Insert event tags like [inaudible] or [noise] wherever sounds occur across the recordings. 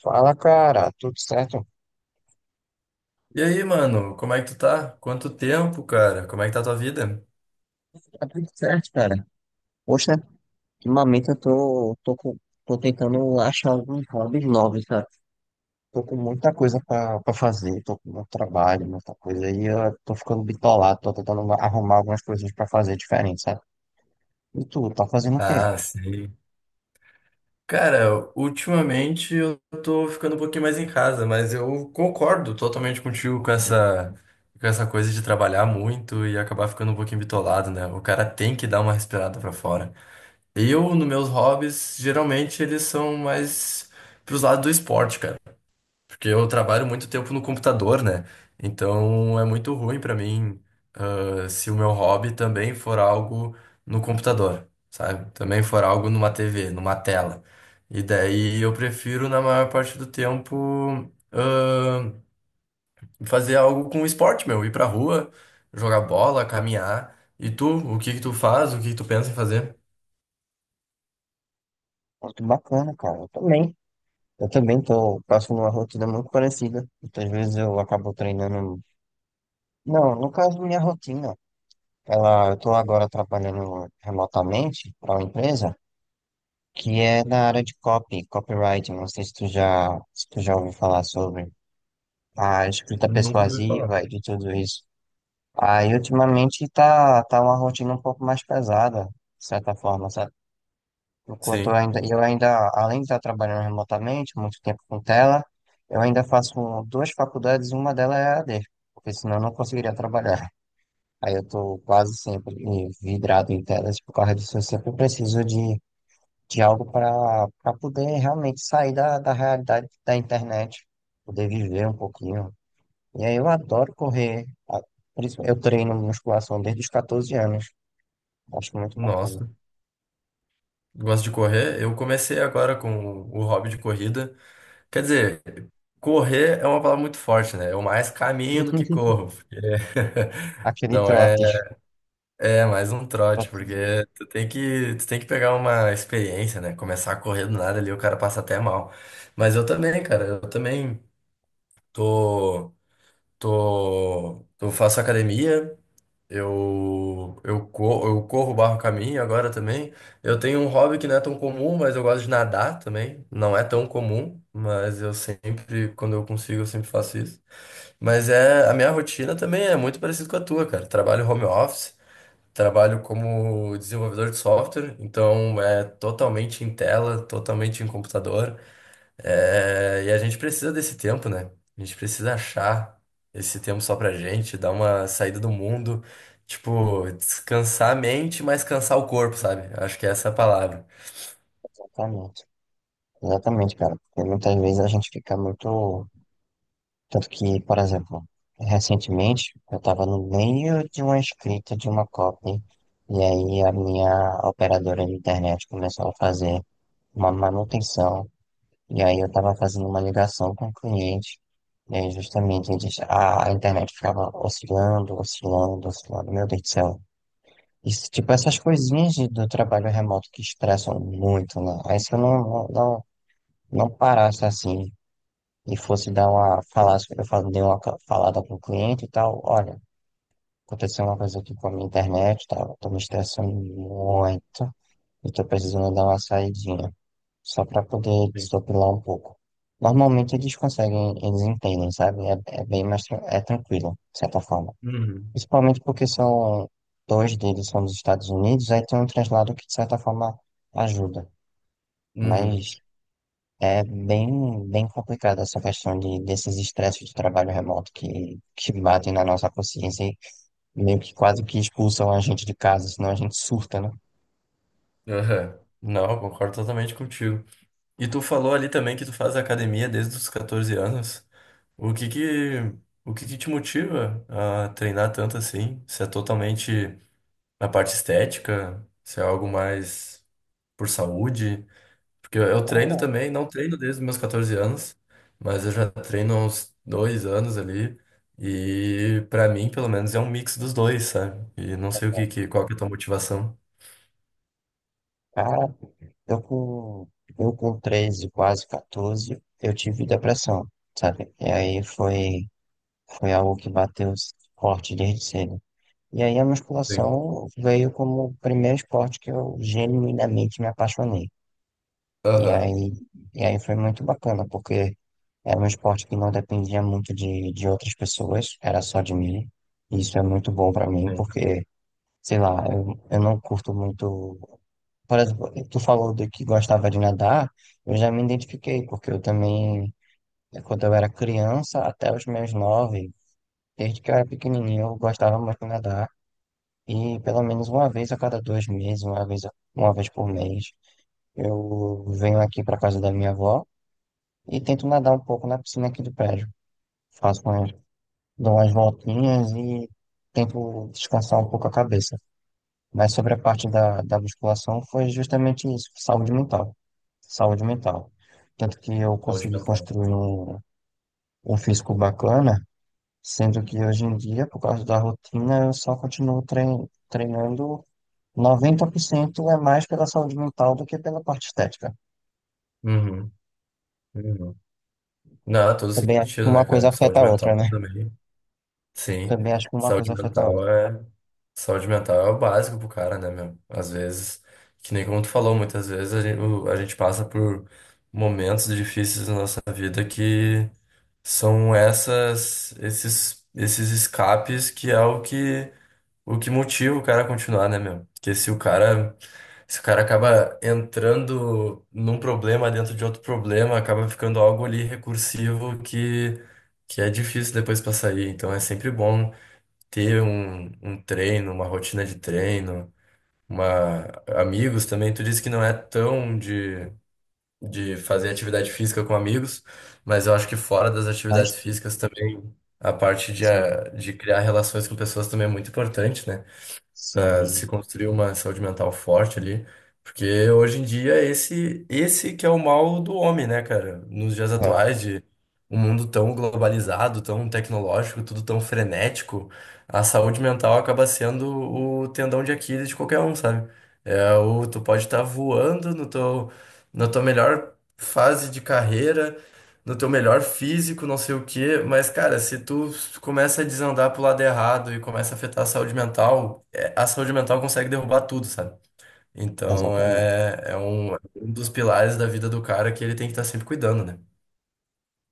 Fala, cara, tudo certo? E aí, mano, como é que tu tá? Quanto tempo, cara? Como é que tá a tua vida? Tá tudo certo, cara. Poxa, ultimamente eu tô tentando achar alguns hobbies novos, cara. Tô com muita coisa pra fazer, tô com muito trabalho, muita coisa, e eu tô ficando bitolado, tô tentando arrumar algumas coisas pra fazer diferente, sabe? E tu, tá fazendo o quê? Ah, sei. Cara, ultimamente eu tô ficando um pouquinho mais em casa, mas eu concordo totalmente contigo com essa coisa de trabalhar muito e acabar ficando um pouquinho bitolado, né? O cara tem que dar uma respirada pra fora. Eu, nos meus hobbies, geralmente eles são mais pros lados do esporte, cara. Porque eu trabalho muito tempo no computador, né? Então é muito ruim pra mim. Se o meu hobby também for algo no computador, sabe? Também for algo numa TV, numa tela. E daí eu prefiro, na maior parte do tempo, fazer algo com esporte, meu. Ir pra rua, jogar bola, caminhar. E tu, o que que tu faz? O que que tu pensa em fazer? Muito bacana, cara. Eu também. Eu também tô passando uma rotina muito parecida. Muitas vezes eu acabo treinando. Não, no caso, minha rotina. Ela, eu tô agora trabalhando remotamente para uma empresa que é na área de copy, copywriting. Não sei se tu já ouviu falar sobre a escrita Nunca ouvi falar. persuasiva e de tudo isso. Aí, ultimamente, tá uma rotina um pouco mais pesada, de certa forma, sabe? Enquanto eu Sim, ainda, eu ainda, além de estar trabalhando remotamente, muito tempo com tela, eu ainda faço duas faculdades, uma delas é a AD, porque senão eu não conseguiria trabalhar. Aí eu tô quase sempre vidrado em telas por causa disso, eu sempre preciso de algo para poder realmente sair da realidade da internet, poder viver um pouquinho. E aí eu adoro correr, por isso eu treino musculação desde os 14 anos, acho muito bacana. nossa. Gosto de correr. Eu comecei agora com o hobby de corrida. Quer dizer, correr é uma palavra muito forte, né? Eu mais caminho do que [laughs] corro, porque [laughs] Aquele não é, trote, é mais um trote, trotezinho, porque tu tem que pegar uma experiência, né? Começar a correr do nada ali, o cara passa até mal. Mas eu também, cara, eu também tô, eu faço academia, eu corro, barro caminho agora também. Eu tenho um hobby que não é tão comum, mas eu gosto de nadar também. Não é tão comum, mas eu sempre, quando eu consigo, eu sempre faço isso. Mas é, a minha rotina também é muito parecida com a tua, cara. Trabalho home office, trabalho como desenvolvedor de software, então é totalmente em tela, totalmente em computador. É, e a gente precisa desse tempo, né? A gente precisa achar esse tempo só pra gente, dar uma saída do mundo, tipo, descansar a mente, mas cansar o corpo, sabe? Acho que essa é a palavra. exatamente. Exatamente, cara, porque muitas vezes a gente fica muito. Tanto que, por exemplo, recentemente eu estava no meio de uma escrita de uma copy, e aí a minha operadora de internet começou a fazer uma manutenção. E aí eu estava fazendo uma ligação com o cliente, e aí justamente eles, a internet ficava oscilando, oscilando, oscilando. Meu Deus do céu. Isso, tipo, essas coisinhas do trabalho remoto que estressam muito, né? Aí se eu não não parasse assim e fosse dar uma, falasse, dei uma falada com o cliente e tal, olha, aconteceu uma coisa aqui com a minha internet, tá? Eu tô me estressando muito, eu tô precisando dar uma saidinha, só para poder Sim. desopilar um pouco. Normalmente eles conseguem, eles entendem, sabe? É, é bem mais é tranquilo, de certa forma. Uhum. Principalmente porque são dois deles são dos Estados Unidos, aí tem um translado que de certa forma ajuda. Uhum. Mas é bem, bem complicada essa questão desses estresses de trabalho remoto que batem na nossa consciência e meio que quase que expulsam a gente de casa, senão a gente surta, né? Aham. Não, eu concordo totalmente contigo. E tu falou ali também que tu faz academia desde os 14 anos. O que que, o que que te motiva a treinar tanto assim? Se é totalmente na parte estética? Se é algo mais por saúde? Porque eu treino também, não treino desde os meus 14 anos, mas eu já treino há uns dois anos ali. E pra mim, pelo menos, é um mix dos dois, sabe? E não sei o que, qual que é a tua motivação. Cara, Eu com, eu com 13 quase 14, eu tive depressão, sabe? E aí foi algo que bateu forte desde cedo. E aí a Sim. musculação veio como o primeiro esporte que eu genuinamente me apaixonei. E Aham, aí, e aí foi muito bacana, porque era um esporte que não dependia muito de outras pessoas, era só de mim. E isso é muito bom para mim, sim. porque, sei lá, eu não curto muito. Por exemplo, tu falou de que gostava de nadar, eu já me identifiquei, porque eu também, quando eu era criança, até os meus nove, desde que eu era pequenininho, eu gostava muito de nadar. E pelo menos uma vez a cada 2 meses, uma vez, uma vez por mês, eu venho aqui para casa da minha avó e tento nadar um pouco na piscina aqui do prédio. Faço umas, dou umas voltinhas e tento descansar um pouco a cabeça. Mas sobre a parte da musculação foi justamente isso, saúde mental. Saúde mental. Tanto que eu Saúde consegui mental. construir um físico bacana, sendo que hoje em dia, por causa da rotina, eu só continuo treinando 90%, é mais pela saúde mental do que pela parte estética. Uhum, uhum. Não, todo Também acho que sentido, né, uma cara? coisa afeta Saúde a mental outra, né? também. Sim. Também acho que uma Saúde coisa afeta a outra. mental é. Saúde mental é o básico pro cara, né, meu? Às vezes, que nem como tu falou, muitas vezes a gente passa por momentos difíceis na nossa vida que são esses escapes que é o que motiva o cara a continuar, né, meu? Porque se o cara acaba entrando num problema dentro de outro problema, acaba ficando algo ali recursivo que é difícil depois pra sair. Então é sempre bom ter um treino, uma rotina de treino, uma... amigos também. Tu disse que não é tão de fazer atividade física com amigos, mas eu acho que fora das Mas atividades físicas também, a parte de, sim, a- de criar relações com pessoas também é muito importante, né? Para se sim, construir uma saúde mental forte ali, porque hoje em dia é esse que é o mal do homem, né, cara? Nos dias é, atuais de um mundo tão globalizado, tão tecnológico, tudo tão frenético, a saúde mental acaba sendo o tendão de Aquiles de qualquer um, sabe? É o tu pode estar voando no teu na tua melhor fase de carreira, no teu melhor físico, não sei o quê, mas cara, se tu começa a desandar pro lado errado e começa a afetar a saúde mental consegue derrubar tudo, sabe? Então exatamente. É um dos pilares da vida do cara que ele tem que estar sempre cuidando, né?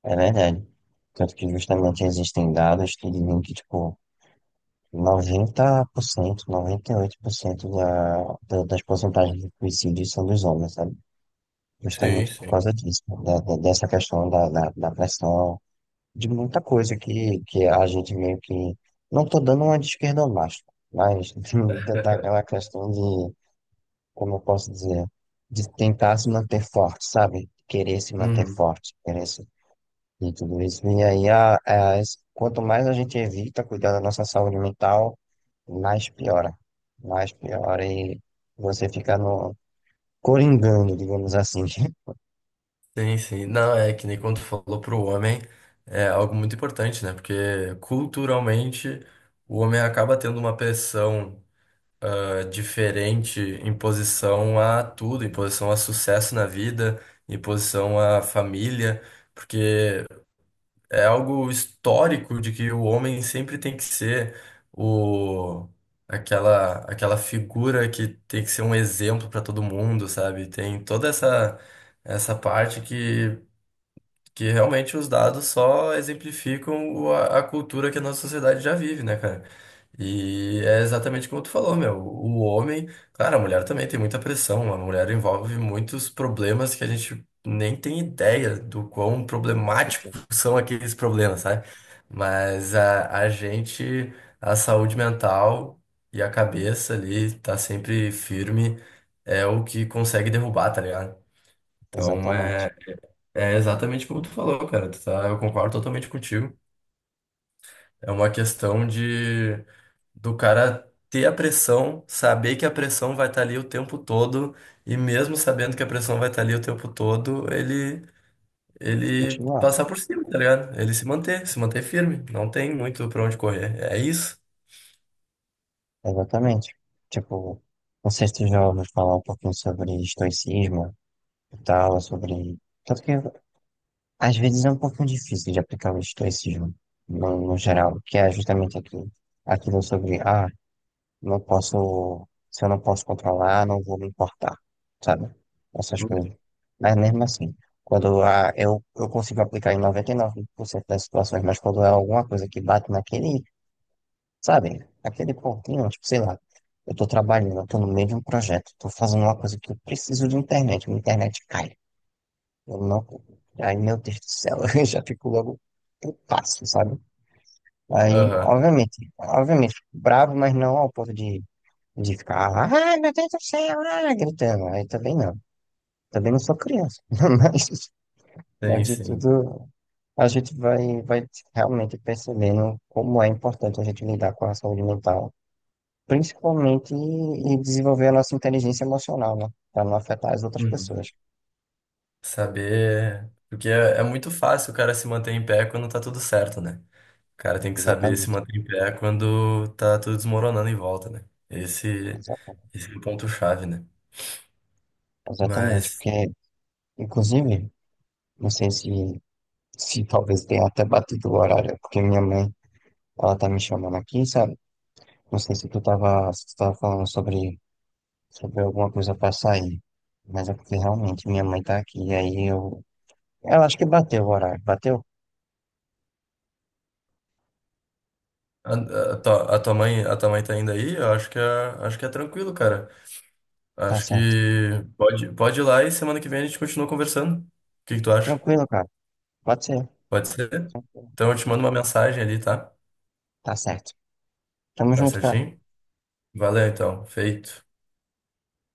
É verdade. Tanto que justamente existem dados que dizem que, tipo, 90%, 98% das porcentagens de suicídio são dos homens, sabe? Sim, Justamente por sim. causa disso, dessa questão da pressão, de muita coisa que a gente meio que. Não tô dando uma de esquerda macho, mas [laughs] daquela questão de, como eu posso dizer, de tentar se manter forte, sabe? Querer se manter Uhum. forte, querer e tudo isso. E aí, quanto mais a gente evita cuidar da nossa saúde mental, mais piora. Mais piora e você fica no coringando, digamos assim. Sim, sim. Não, é que nem quando tu falou pro homem, é algo muito importante, né? Porque culturalmente o homem acaba tendo uma pressão diferente em posição a tudo, em posição a sucesso na vida, em posição à família, porque é algo histórico de que o homem sempre tem que ser o aquela figura que tem que ser um exemplo para todo mundo, sabe? Tem toda essa parte que realmente os dados só exemplificam a cultura que a nossa sociedade já vive, né, cara? E é exatamente como tu falou, meu. O homem, claro, a mulher também tem muita pressão. A mulher envolve muitos problemas que a gente nem tem ideia do quão problemáticos [laughs] são aqueles problemas, sabe? Mas a gente, a saúde mental e a cabeça ali tá sempre firme, é o que consegue derrubar, tá ligado? Então Exatamente. é exatamente como tu falou, cara. Tu tá, eu concordo totalmente contigo. É uma questão de do cara ter a pressão, saber que a pressão vai estar ali o tempo todo, e mesmo sabendo que a pressão vai estar ali o tempo todo, ele Continuar. passar por cima, tá ligado? Ele se manter firme. Não tem muito pra onde correr. É isso? Exatamente. Tipo, não sei se tu já ouviu falar um pouquinho sobre estoicismo e tal, sobre. Tanto que às vezes é um pouquinho difícil de aplicar o estoicismo no geral, que é justamente aquilo sobre não posso. Se eu não posso controlar, não vou me importar, sabe? Essas Uhum. coisas. Mas mesmo assim, quando eu consigo aplicar em 99% das situações, mas quando é alguma coisa que bate naquele, sabe? Aquele pontinho, tipo, sei lá, eu tô trabalhando, eu tô no meio de um projeto, tô fazendo uma coisa que eu preciso de internet, minha internet cai. Eu não, aí, meu Deus do céu, [laughs] eu já fico logo putaço, sabe? Aí, Aham, obviamente, fico bravo, mas não ao ponto de ficar lá, ai meu Deus do céu, ah, gritando. Aí também não. Também não sou criança. [laughs] Mas, tem mas de sim. tudo, a gente vai realmente percebendo como é importante a gente lidar com a saúde mental, principalmente e desenvolver a nossa inteligência emocional, né? Para não afetar as outras Uhum. pessoas. Saber. Porque é muito fácil o cara se manter em pé quando tá tudo certo, né? Cara tem que saber se Exatamente. manter em pé quando tá tudo desmoronando em volta, né? Exatamente. Esse é o ponto-chave, né? Exatamente. Mas Porque, inclusive, não sei se talvez tenha até batido o horário, porque minha mãe, ela tá me chamando aqui, sabe? Não sei se tu tava falando sobre se houver alguma coisa para sair. Mas é porque realmente minha mãe tá aqui, aí eu. Ela acho que bateu o horário. Bateu? a, a tua mãe a tua mãe tá indo aí? Eu acho acho que é tranquilo, cara. Tá Acho que certo. Pode ir lá e semana que vem a gente continua conversando. O que que tu acha? Tranquilo, cara. Pode ser. Pode ser? Tranquilo. Então eu te mando uma mensagem ali, tá? Tá certo. Tamo Tá junto, cara. certinho? Valeu, então. Feito.